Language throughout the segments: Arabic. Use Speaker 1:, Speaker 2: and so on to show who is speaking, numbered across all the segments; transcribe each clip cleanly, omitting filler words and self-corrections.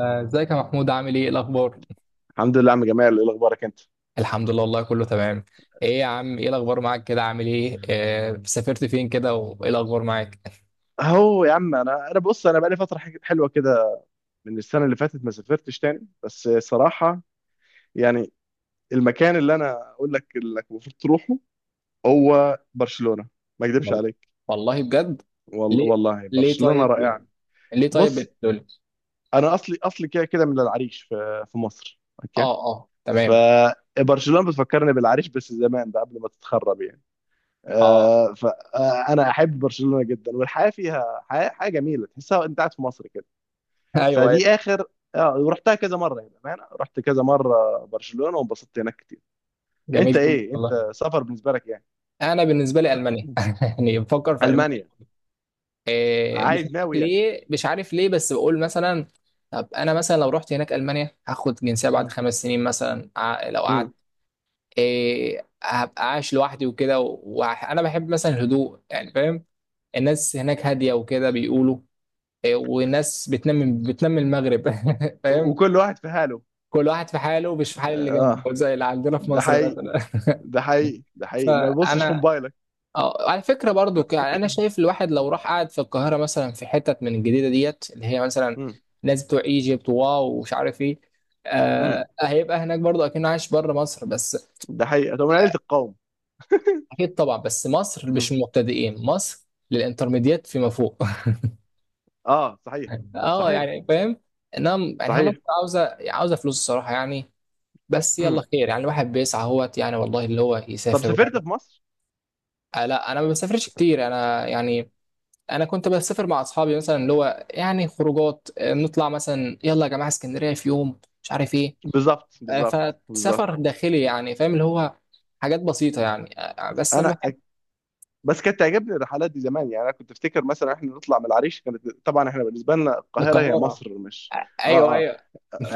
Speaker 1: آه، ازيك يا محمود؟ عامل ايه؟ إيه الاخبار؟
Speaker 2: الحمد لله يا عم جمال، ايه اخبارك انت؟
Speaker 1: الحمد لله والله كله تمام. ايه يا عم، ايه الاخبار معاك؟ كده عامل ايه؟ آه، سافرت فين كده وايه الاخبار معاك؟
Speaker 2: اهو يا عم، انا بص انا بقالي فتره حلوه كده. من السنه اللي فاتت ما سافرتش تاني، بس صراحه يعني المكان اللي انا اقول لك انك المفروض تروحه هو برشلونه. ما اكذبش
Speaker 1: وال-
Speaker 2: عليك،
Speaker 1: والله بجد.
Speaker 2: والله
Speaker 1: ليه؟ ليه
Speaker 2: برشلونه
Speaker 1: طيب؟
Speaker 2: رائعه.
Speaker 1: ليه طيب
Speaker 2: بص،
Speaker 1: بتقول؟
Speaker 2: انا اصلي كده كده من العريش، في مصر،
Speaker 1: اه
Speaker 2: اوكي؟
Speaker 1: اه تمام.
Speaker 2: فبرشلونه بتفكرني بالعريش، بس زمان بقى قبل ما تتخرب يعني.
Speaker 1: اه،
Speaker 2: آه، فانا احب برشلونه جدا، والحياه فيها حياه جميله، تحسها انت قاعد في مصر كده.
Speaker 1: ايوه ايوه.
Speaker 2: فدي اخر. اه، ورحتها كذا مره، يعني بامانه رحت كذا مره برشلونه، وانبسطت هناك كتير.
Speaker 1: جميل
Speaker 2: انت
Speaker 1: جدا
Speaker 2: ايه؟
Speaker 1: والله.
Speaker 2: انت سفر بالنسبه لك يعني؟
Speaker 1: انا بالنسبه لي المانيا، يعني بفكر في المانيا.
Speaker 2: المانيا؟
Speaker 1: مش
Speaker 2: عايز،
Speaker 1: عارف
Speaker 2: ناوي يعني؟
Speaker 1: ليه، مش عارف ليه، بس بقول مثلا. طب انا مثلا لو رحت هناك المانيا هاخد جنسيه بعد
Speaker 2: مم.
Speaker 1: 5 سنين مثلا، لو قعدت،
Speaker 2: مم.
Speaker 1: إيه، هبقى عايش لوحدي وكده. وانا بحب مثلا الهدوء، يعني فاهم؟ الناس هناك هاديه وكده بيقولوا. إيه، وناس بتنام المغرب. فاهم؟
Speaker 2: وكل واحد في حاله.
Speaker 1: كل واحد في حاله، مش في حال اللي
Speaker 2: اه،
Speaker 1: جنبه زي اللي عندنا في
Speaker 2: ده
Speaker 1: مصر
Speaker 2: حقيقي،
Speaker 1: مثلا.
Speaker 2: ده حقيقي. ما بصش في
Speaker 1: فانا
Speaker 2: موبايلك.
Speaker 1: اه، على فكره برضو، يعني انا شايف الواحد لو راح قاعد في القاهره مثلا، في حتت من الجديده ديت اللي هي مثلا
Speaker 2: مم.
Speaker 1: ناس بتوع ايجيبت وواو ومش عارف ايه،
Speaker 2: مم.
Speaker 1: آه هيبقى هناك برضو اكنه عايش بره مصر بس.
Speaker 2: ده حقيقي. طب من عيله القوم.
Speaker 1: اكيد طبعا، بس مصر مش
Speaker 2: مم.
Speaker 1: المبتدئين، مصر للانترميديات فيما فوق.
Speaker 2: اه صحيح.
Speaker 1: اه،
Speaker 2: صحيح.
Speaker 1: يعني فاهم. انها يعني هي مصر
Speaker 2: صحيح.
Speaker 1: عاوزه فلوس الصراحه يعني. بس يلا
Speaker 2: مم.
Speaker 1: خير، يعني الواحد بيسعى اهوت، يعني والله اللي هو
Speaker 2: طب
Speaker 1: يسافر
Speaker 2: سافرت
Speaker 1: ويعمل.
Speaker 2: في مصر؟
Speaker 1: آه لا، انا ما بسافرش كتير انا يعني. انا كنت بسافر مع اصحابي مثلا، اللي هو يعني خروجات، آه، نطلع مثلا يلا يا جماعه اسكندريه في يوم، مش عارف ايه.
Speaker 2: بالظبط،
Speaker 1: آه،
Speaker 2: بالظبط، بالظبط.
Speaker 1: فسفر داخلي، يعني فاهم اللي هو، حاجات بسيطه يعني. آه، بس لما
Speaker 2: انا بس كانت تعجبني الرحلات دي زمان، يعني انا كنت افتكر مثلا احنا نطلع من العريش. كانت طبعا احنا بالنسبه لنا القاهره هي
Speaker 1: القاهره.
Speaker 2: مصر، مش، اه
Speaker 1: ايوه
Speaker 2: اه،
Speaker 1: ايوه.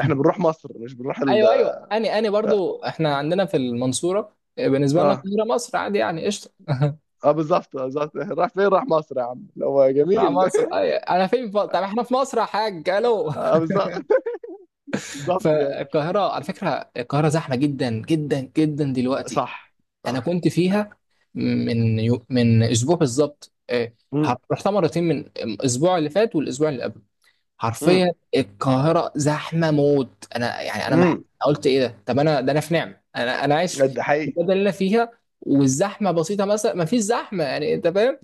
Speaker 2: احنا بنروح مصر، مش بنروح ال...
Speaker 1: ايوه ايوه، اني
Speaker 2: اه
Speaker 1: برضو احنا عندنا في المنصوره، آه، بالنسبه لنا
Speaker 2: اه.
Speaker 1: القاهره مصر عادي يعني، قشطه.
Speaker 2: آه، بالظبط، آه، بالظبط. راح فين؟ راح مصر يا عم، اللي هو
Speaker 1: مع
Speaker 2: جميل.
Speaker 1: مصر، أيوة. انا فين، طب احنا في مصر يا حاج. الو.
Speaker 2: اه، بالظبط. بالظبط يعني.
Speaker 1: فالقاهره على فكره، القاهره زحمه جدا جدا جدا دلوقتي.
Speaker 2: صح.
Speaker 1: انا
Speaker 2: صح.
Speaker 1: كنت فيها من من اسبوع بالظبط، إيه،
Speaker 2: امم.
Speaker 1: رحتها مرتين من الاسبوع اللي فات والاسبوع اللي قبل.
Speaker 2: امم.
Speaker 1: حرفيا القاهرة زحمة موت، انا يعني انا
Speaker 2: امم.
Speaker 1: قلت ايه ده، طب انا، ده انا في نعمة. انا انا عايش في
Speaker 2: ده حقيقي.
Speaker 1: البلد اللي انا فيها والزحمة بسيطة مثلا، ما فيش زحمة يعني، انت فاهم؟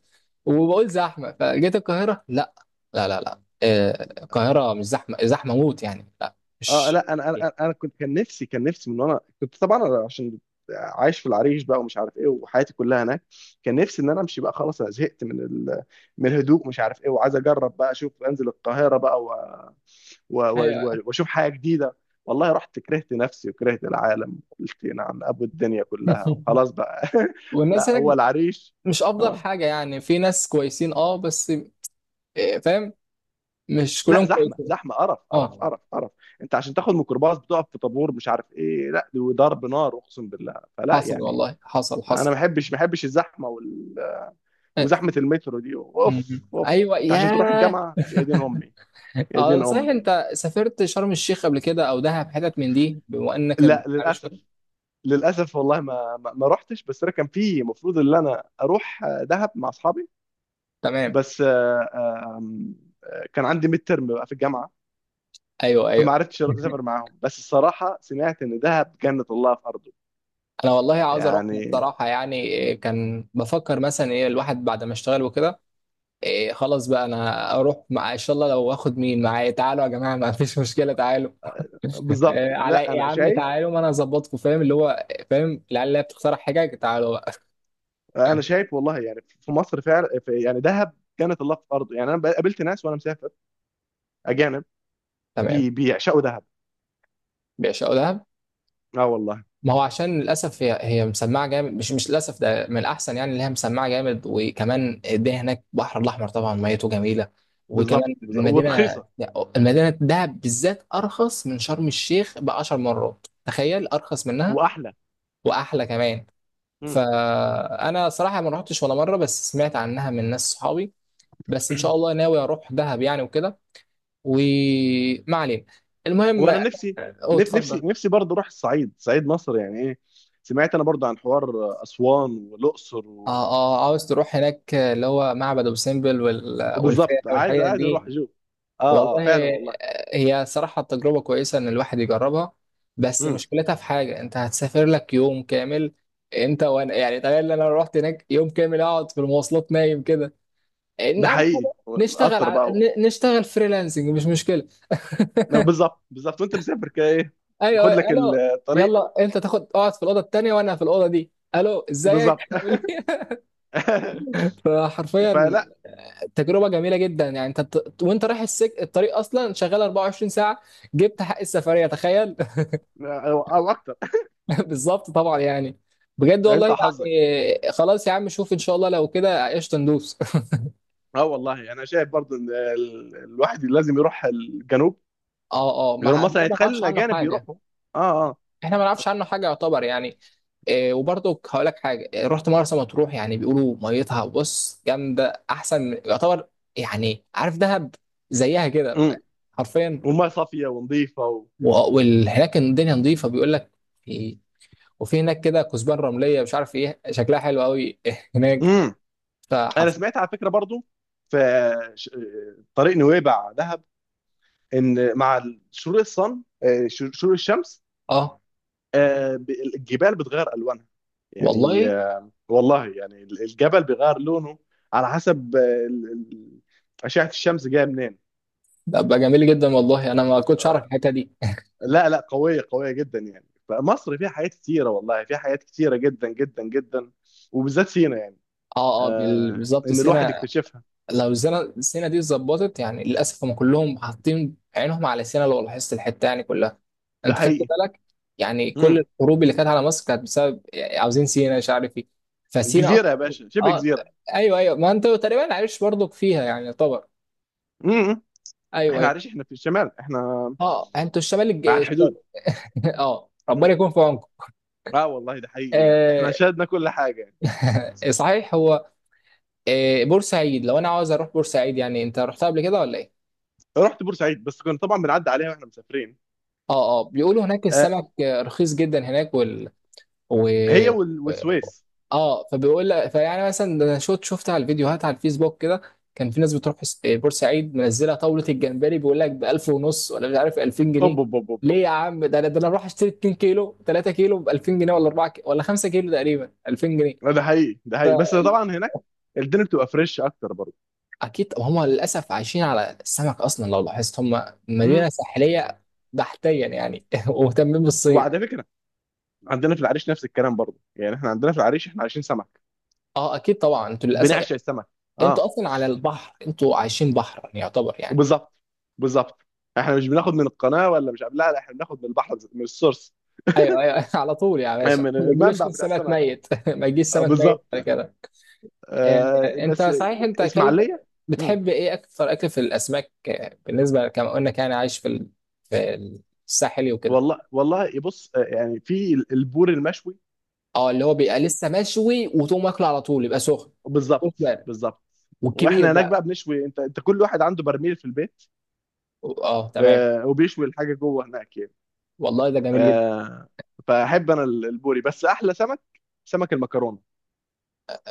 Speaker 1: وبقول زحمة، فجيت القاهرة، لا لا لا لا، آه، القاهرة مش زحمة زحمة موت يعني، لا
Speaker 2: اه
Speaker 1: مش.
Speaker 2: لا، انا انا كنت، كان نفسي، من وانا كنت طبعا، أنا عشان عايش في العريش بقى، ومش عارف ايه، وحياتي كلها هناك، كان نفسي ان انا امشي بقى. خلاص، انا زهقت من ال... من الهدوء مش عارف ايه، وعايز اجرب بقى، اشوف انزل القاهره بقى و... و...
Speaker 1: ايوه.
Speaker 2: و... واشوف حاجه جديده. والله رحت، كرهت نفسي وكرهت العالم، قلت نعم ابو الدنيا كلها وخلاص بقى.
Speaker 1: والناس
Speaker 2: لا هو
Speaker 1: هناك
Speaker 2: العريش.
Speaker 1: مش افضل
Speaker 2: اه.
Speaker 1: حاجة يعني، في ناس كويسين اه بس، آه، فاهم، مش
Speaker 2: لا،
Speaker 1: كلهم
Speaker 2: زحمه،
Speaker 1: كويسين.
Speaker 2: زحمه، قرف، قرف،
Speaker 1: اه
Speaker 2: قرف، قرف. انت عشان تاخد ميكروباص بتقف في طابور، مش عارف ايه، لا وضرب نار، اقسم بالله. فلا
Speaker 1: حصل
Speaker 2: يعني،
Speaker 1: والله، حصل
Speaker 2: انا ما
Speaker 1: حصل.
Speaker 2: بحبش ما بحبش الزحمه وال...
Speaker 1: آه،
Speaker 2: وزحمه المترو دي، اوف،
Speaker 1: مم.
Speaker 2: اوف.
Speaker 1: ايوه،
Speaker 2: انت عشان تروح
Speaker 1: ياه.
Speaker 2: الجامعه يا دين امي، يا
Speaker 1: اه
Speaker 2: دين
Speaker 1: صحيح،
Speaker 2: امي.
Speaker 1: انت سافرت شرم الشيخ قبل كده او دهب، حتت من دي؟ بما انك
Speaker 2: لا
Speaker 1: عارف كده.
Speaker 2: للاسف. للاسف والله، ما رحتش. بس انا كان في المفروض ان انا اروح دهب مع اصحابي،
Speaker 1: تمام.
Speaker 2: بس آه، آه، آم، آه، كان عندي ميد ترم بقى في الجامعه،
Speaker 1: ايوه ايوه.
Speaker 2: فما عرفتش اسافر معاهم. بس الصراحه سمعت ان دهب جنه الله في ارضه
Speaker 1: انا والله عاوز اروح
Speaker 2: يعني.
Speaker 1: بصراحه يعني. إيه، كان بفكر مثلا ايه الواحد بعد ما اشتغل وكده. إيه خلاص بقى انا اروح، مع ان شاء الله لو واخد مين معايا، تعالوا يا جماعه، ما فيش مشكله تعالوا.
Speaker 2: بالظبط.
Speaker 1: إيه، على
Speaker 2: لا
Speaker 1: يا
Speaker 2: انا
Speaker 1: عم،
Speaker 2: شايف
Speaker 1: تعالوا ما انا اظبطكم، فاهم اللي هو، فاهم العيال اللي هي بتقترح حاجه، تعالوا بقى.
Speaker 2: انا شايف والله يعني في مصر فعلا، في يعني دهب كانت الله في ارضه يعني. انا قابلت ناس وانا مسافر، اجانب،
Speaker 1: تمام.
Speaker 2: بيعشقوا دهب.
Speaker 1: بيعشقوا دهب.
Speaker 2: اه والله.
Speaker 1: ما هو عشان للاسف هي مسمعه جامد، مش للاسف ده من الاحسن يعني، اللي هي مسمعه جامد، وكمان الدنيا هناك البحر الاحمر طبعا، ميته جميله،
Speaker 2: بالظبط،
Speaker 1: وكمان
Speaker 2: بالظبط.
Speaker 1: المدينه،
Speaker 2: ورخيصه.
Speaker 1: المدينه دهب بالذات ارخص من شرم الشيخ ب 10 مرات، تخيل، ارخص منها
Speaker 2: واحلى.
Speaker 1: واحلى كمان.
Speaker 2: مم.
Speaker 1: فانا صراحه ما رحتش ولا مره، بس سمعت عنها من ناس صحابي. بس ان شاء الله ناوي اروح دهب يعني وكده. وما علينا، المهم.
Speaker 2: وانا نفسي،
Speaker 1: اوه
Speaker 2: نفسي،
Speaker 1: اتفضل.
Speaker 2: برضه اروح الصعيد، صعيد مصر، يعني ايه. سمعت انا برضه عن حوار اسوان والاقصر
Speaker 1: اه
Speaker 2: و...
Speaker 1: اه، عاوز تروح هناك اللي هو معبد ابو سمبل والفيله
Speaker 2: وبالظبط، عايز،
Speaker 1: والحاجات
Speaker 2: اروح
Speaker 1: دي.
Speaker 2: اشوف. اه اه،
Speaker 1: والله
Speaker 2: فعلا والله.
Speaker 1: هي صراحه تجربه كويسه ان الواحد يجربها، بس
Speaker 2: مم.
Speaker 1: مشكلتها في حاجه، انت هتسافر لك يوم كامل انت وانا، يعني تخيل ان انا رحت هناك يوم كامل اقعد في المواصلات نايم كده. إن
Speaker 2: ده
Speaker 1: اول
Speaker 2: حقيقي،
Speaker 1: حاجه نشتغل
Speaker 2: القطر
Speaker 1: على
Speaker 2: بقى و...
Speaker 1: نشتغل فريلانسنج، مش مشكله.
Speaker 2: بالظبط، بالظبط، وانت مسافر كده ايه.
Speaker 1: ايوه
Speaker 2: خد
Speaker 1: أيوة،
Speaker 2: لك
Speaker 1: الو.
Speaker 2: الطريق.
Speaker 1: يلا انت تاخد اقعد في الاوضه التانيه وانا في الاوضه دي، الو، ازيك،
Speaker 2: بالظبط.
Speaker 1: عامل ايه؟ فحرفيا
Speaker 2: فلا.
Speaker 1: تجربه جميله جدا يعني. انت وانت رايح الطريق اصلا شغال 24 ساعه، جبت حق السفريه، تخيل.
Speaker 2: او أو اكتر
Speaker 1: بالظبط طبعا يعني. بجد
Speaker 2: يعني.
Speaker 1: والله
Speaker 2: انت حظك.
Speaker 1: يعني، خلاص يا عم شوف، ان شاء الله لو كده قشطه ندوس.
Speaker 2: اه والله، انا شايف برضو ان الواحد لازم يروح الجنوب،
Speaker 1: اه اه، ما
Speaker 2: لانه
Speaker 1: ح- ده
Speaker 2: مثلا
Speaker 1: ما
Speaker 2: يتخيل
Speaker 1: نعرفش عنه
Speaker 2: الاجانب
Speaker 1: حاجه.
Speaker 2: بيروحوا. اه اه.
Speaker 1: احنا ما نعرفش عنه حاجه يعتبر يعني. إيه، وبرضه هقول لك حاجه، إيه، رحت مرسى مطروح. يعني بيقولوا ميتها بص جامده، احسن يعتبر يعني، عارف دهب؟ زيها
Speaker 2: امم.
Speaker 1: كده حرفيا.
Speaker 2: والميه صافيه ونظيفه و...
Speaker 1: وهناك الدنيا نظيفه بيقول لك، في- وفي هناك كده كثبان رمليه، مش عارف ايه، شكلها حلو قوي هناك.
Speaker 2: امم. انا
Speaker 1: فحرف
Speaker 2: سمعت على فكره برضو في ش- طريق نويبع دهب، ان مع شروق شروق الشمس،
Speaker 1: اه
Speaker 2: آه، ب- الجبال بتغير الوانها، يعني
Speaker 1: والله،
Speaker 2: آه، والله يعني الجبل بيغير لونه على حسب ال- ال- اشعه الشمس جايه منين.
Speaker 1: ده بقى جميل جدا والله، انا ما كنتش اعرف الحته دي.
Speaker 2: لا لا، قوية، قوية جدا يعني. فمصر فيها حاجات كتيرة، والله فيها حاجات كتيرة جدا جدا جدا، وبالذات سينا يعني.
Speaker 1: اه اه،
Speaker 2: آه،
Speaker 1: بالظبط
Speaker 2: إن الواحد
Speaker 1: سينا.
Speaker 2: يكتشفها.
Speaker 1: لو سينا، السينا دي اتظبطت يعني. للاسف هم كلهم حاطين عينهم على سينا، لو لاحظت، الحته يعني كلها،
Speaker 2: ده
Speaker 1: انت خدت
Speaker 2: حقيقي.
Speaker 1: بالك؟ يعني كل
Speaker 2: امم.
Speaker 1: الحروب اللي كانت على مصر كانت بسبب، يعني عاوزين سينا، مش عارف ايه. فسينا
Speaker 2: جزيرة يا
Speaker 1: اصلا
Speaker 2: باشا، شبه
Speaker 1: اه.
Speaker 2: جزيرة.
Speaker 1: ايوه ايوه، ما انت تقريبا عايش برضك فيها يعني طبعا.
Speaker 2: امم.
Speaker 1: ايوه
Speaker 2: احنا
Speaker 1: ايوه.
Speaker 2: عارفين، احنا في الشمال، احنا
Speaker 1: اه انتوا الشمال
Speaker 2: على
Speaker 1: الشمال.
Speaker 2: الحدود.
Speaker 1: اه،
Speaker 2: مم.
Speaker 1: ربنا يكون في عونكم.
Speaker 2: اه والله ده حقيقي يعني، احنا
Speaker 1: آه.
Speaker 2: شاهدنا كل حاجة يعني.
Speaker 1: صحيح هو، آه بورسعيد، لو انا عاوز اروح بورسعيد يعني، انت رحتها قبل كده ولا ايه؟
Speaker 2: رحت بورسعيد، بس كنا طبعا بنعدي عليها واحنا مسافرين.
Speaker 1: اه اه، بيقولوا هناك
Speaker 2: آه
Speaker 1: السمك، آه، رخيص جدا هناك وال، و،
Speaker 2: هي والسويس.
Speaker 1: اه فبيقول لك، فيعني مثلا، ده انا شفت على الفيديوهات على الفيسبوك كده، كان في ناس بتروح بورسعيد منزله طاوله الجمبري بيقول لك ب 1000 ونص ولا مش عارف 2000
Speaker 2: اوب،
Speaker 1: جنيه
Speaker 2: اوب، اوب، اوب.
Speaker 1: ليه يا عم، ده انا، ده انا اروح اشتري 2 كيلو 3 كيلو ب 2000 جنيه، ولا 4 كيلو ولا 5 كيلو تقريبا 2000 جنيه.
Speaker 2: أوب. ده حقيقي، ده حقيقي، بس
Speaker 1: فاكيد
Speaker 2: طبعا هناك الدنيا بتبقى فريش اكتر برضه.
Speaker 1: هم للاسف عايشين على السمك اصلا، لو لاحظت، هم
Speaker 2: مم.
Speaker 1: مدينه ساحليه بحتيا يعني، ومهتمين بالصيد.
Speaker 2: وعلى فكرة عندنا في العريش نفس الكلام برضه، يعني احنا عندنا في العريش احنا عايشين سمك،
Speaker 1: اه اكيد طبعا، انتوا للاسف يعني
Speaker 2: بنعشق السمك.
Speaker 1: انتوا
Speaker 2: اه.
Speaker 1: اصلا على البحر، انتوا عايشين بحر يعني يعتبر يعني.
Speaker 2: بالظبط. بالظبط. احنا مش بناخد من القناه، ولا مش، لا لا، احنا بناخد من البحر، من السورس.
Speaker 1: ايوه ايوه. على طول يا باشا،
Speaker 2: من
Speaker 1: ما يقولوش
Speaker 2: المنبع بتاع
Speaker 1: السمك
Speaker 2: السمك.
Speaker 1: ميت، ما يجيش
Speaker 2: آه
Speaker 1: سمك ميت
Speaker 2: بالظبط.
Speaker 1: ولا كده. آه،
Speaker 2: آه
Speaker 1: انت
Speaker 2: بس
Speaker 1: صحيح انت كلب،
Speaker 2: اسماعيليه. مم.
Speaker 1: بتحب ايه اكثر اكل في الاسماك؟ آه، بالنسبه كما قلنا كان عايش في في الساحلي وكده.
Speaker 2: والله، بص، آه، يعني في البور المشوي.
Speaker 1: اه، اللي هو بيبقى لسه مشوي وتقوم واكله على طول، يبقى سخن.
Speaker 2: بالظبط، بالظبط.
Speaker 1: والكبير
Speaker 2: واحنا هناك
Speaker 1: بقى،
Speaker 2: بقى بنشوي، انت كل واحد عنده برميل في البيت،
Speaker 1: اه تمام.
Speaker 2: آه، وبيشوي الحاجه جوه هناك يعني.
Speaker 1: والله ده جميل جدا.
Speaker 2: آه، فاحب انا البوري، بس احلى سمك سمك المكرونه،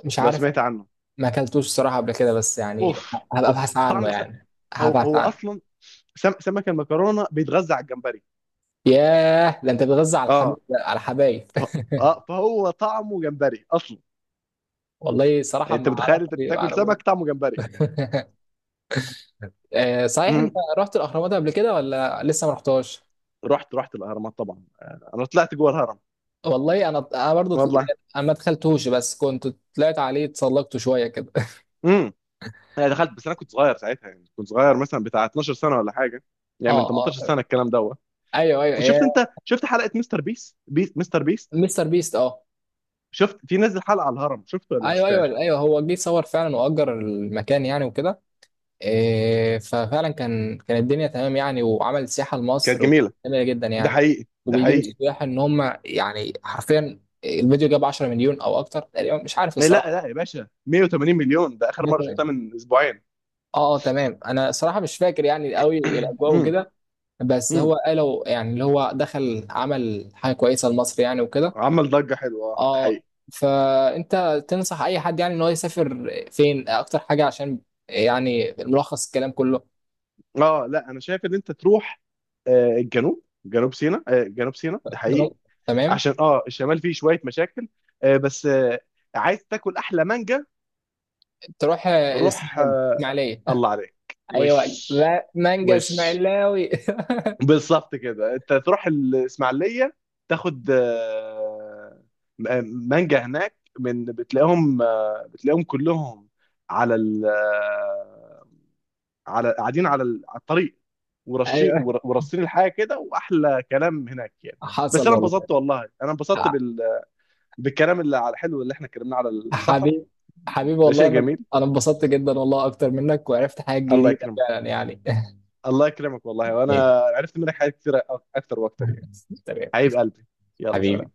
Speaker 1: مش
Speaker 2: لو
Speaker 1: عارف،
Speaker 2: سمعت عنه.
Speaker 1: ما اكلتوش الصراحه قبل كده، بس يعني
Speaker 2: اوف،
Speaker 1: هبقى
Speaker 2: اوف.
Speaker 1: ابحث عنه
Speaker 2: طعم سمك.
Speaker 1: يعني،
Speaker 2: هو
Speaker 1: هبحث
Speaker 2: هو
Speaker 1: عنه.
Speaker 2: اصلا سمك المكرونه بيتغذى على الجمبري.
Speaker 1: ياه، ده انت بتغذى على الحبيب،
Speaker 2: اه،
Speaker 1: على الحبايب.
Speaker 2: ف... اه، فهو طعمه جمبري اصلا.
Speaker 1: والله صراحه
Speaker 2: يعني انت
Speaker 1: ما
Speaker 2: متخيل
Speaker 1: اعرفش،
Speaker 2: انت
Speaker 1: ما
Speaker 2: بتاكل
Speaker 1: اعرفوش.
Speaker 2: سمك طعمه جمبري.
Speaker 1: آه، صحيح، انت
Speaker 2: مم.
Speaker 1: رحت الاهرامات قبل كده ولا لسه ما رحتاش؟
Speaker 2: رحت الاهرامات طبعا، آه، انا طلعت جوه الهرم،
Speaker 1: والله انا انا برضو
Speaker 2: والله.
Speaker 1: انا ما دخلتوش، بس كنت طلعت عليه، اتسلقت شويه كده.
Speaker 2: امم. انا دخلت، بس انا كنت صغير ساعتها، يعني كنت صغير مثلا بتاع 12 سنه ولا حاجه،
Speaker 1: اه
Speaker 2: يعني من
Speaker 1: اه
Speaker 2: 18
Speaker 1: طيب.
Speaker 2: سنه الكلام دوت.
Speaker 1: ايوه ايوه يا
Speaker 2: شفت انت، شفت حلقه مستر بيس بيس مستر بيس،
Speaker 1: مستر بيست، اه.
Speaker 2: شفت، في نزل حلقه على الهرم، شفته ولا مش
Speaker 1: ايوه ايوه
Speaker 2: شفتهاش؟
Speaker 1: ايوه، هو جه صور فعلا واجر المكان يعني وكده. إيه، ففعلا كان كان الدنيا تمام يعني، وعمل سياحه
Speaker 2: كانت
Speaker 1: لمصر
Speaker 2: جميله.
Speaker 1: جميله جدا
Speaker 2: ده
Speaker 1: يعني.
Speaker 2: حقيقي، ده
Speaker 1: وبيجيب
Speaker 2: حقيقي.
Speaker 1: السياح ان هم يعني، حرفيا الفيديو جاب 10 مليون او اكتر تقريبا، مش عارف
Speaker 2: إيه، لا
Speaker 1: الصراحه،
Speaker 2: لا يا باشا، 180 مليون، ده اخر مره
Speaker 1: مثلا.
Speaker 2: شفتها من اسبوعين.
Speaker 1: اه اه تمام، انا صراحه مش فاكر يعني قوي الاجواء
Speaker 2: امم.
Speaker 1: وكده. بس هو
Speaker 2: امم.
Speaker 1: قالوا يعني، اللي هو دخل عمل حاجه كويسه لمصر يعني وكده.
Speaker 2: عمل ضجه حلوه، اه، ده
Speaker 1: اه.
Speaker 2: حقيقي.
Speaker 1: فانت تنصح اي حد يعني ان هو يسافر فين اكتر حاجه؟ عشان يعني ملخص الكلام كله.
Speaker 2: اه لا، انا شايف ان انت تروح آه، الجنوب، جنوب سيناء، آه، جنوب سيناء، ده حقيقي،
Speaker 1: تمام.
Speaker 2: عشان اه الشمال فيه شويه مشاكل. آه، بس آه، عايز تاكل احلى مانجا؟
Speaker 1: تروح
Speaker 2: روح،
Speaker 1: اسماعيليه،
Speaker 2: آه،
Speaker 1: اسماعيليه.
Speaker 2: الله عليك. وش،
Speaker 1: ايوه لا، مانجا
Speaker 2: وش،
Speaker 1: اسماعيلاوي.
Speaker 2: بالظبط كده، انت تروح الاسماعيليه، تاخد آه، مانجا هناك، من بتلاقيهم، آه، بتلاقيهم كلهم على ال، آه، قاعدين على على الطريق، ورشين،
Speaker 1: ايوه
Speaker 2: ورصين الحاجه كده، واحلى كلام هناك يعني.
Speaker 1: حصل
Speaker 2: بس انا
Speaker 1: والله.
Speaker 2: انبسطت، والله انا انبسطت بال... بالكلام اللي على الحلو اللي احنا اتكلمناه على السفر.
Speaker 1: حبيب، حبيبي
Speaker 2: ده
Speaker 1: والله،
Speaker 2: شيء
Speaker 1: انا
Speaker 2: جميل.
Speaker 1: انا انبسطت جدا والله اكتر منك، وعرفت حاجات
Speaker 2: الله
Speaker 1: جديده
Speaker 2: يكرمك،
Speaker 1: فعلا يعني.
Speaker 2: الله يكرمك والله،
Speaker 1: ماشي.
Speaker 2: وانا عرفت منك حاجات كتير، اكتر واكتر يعني.
Speaker 1: تمام.
Speaker 2: حبيب قلبي، يلا سلام.
Speaker 1: حبيبي.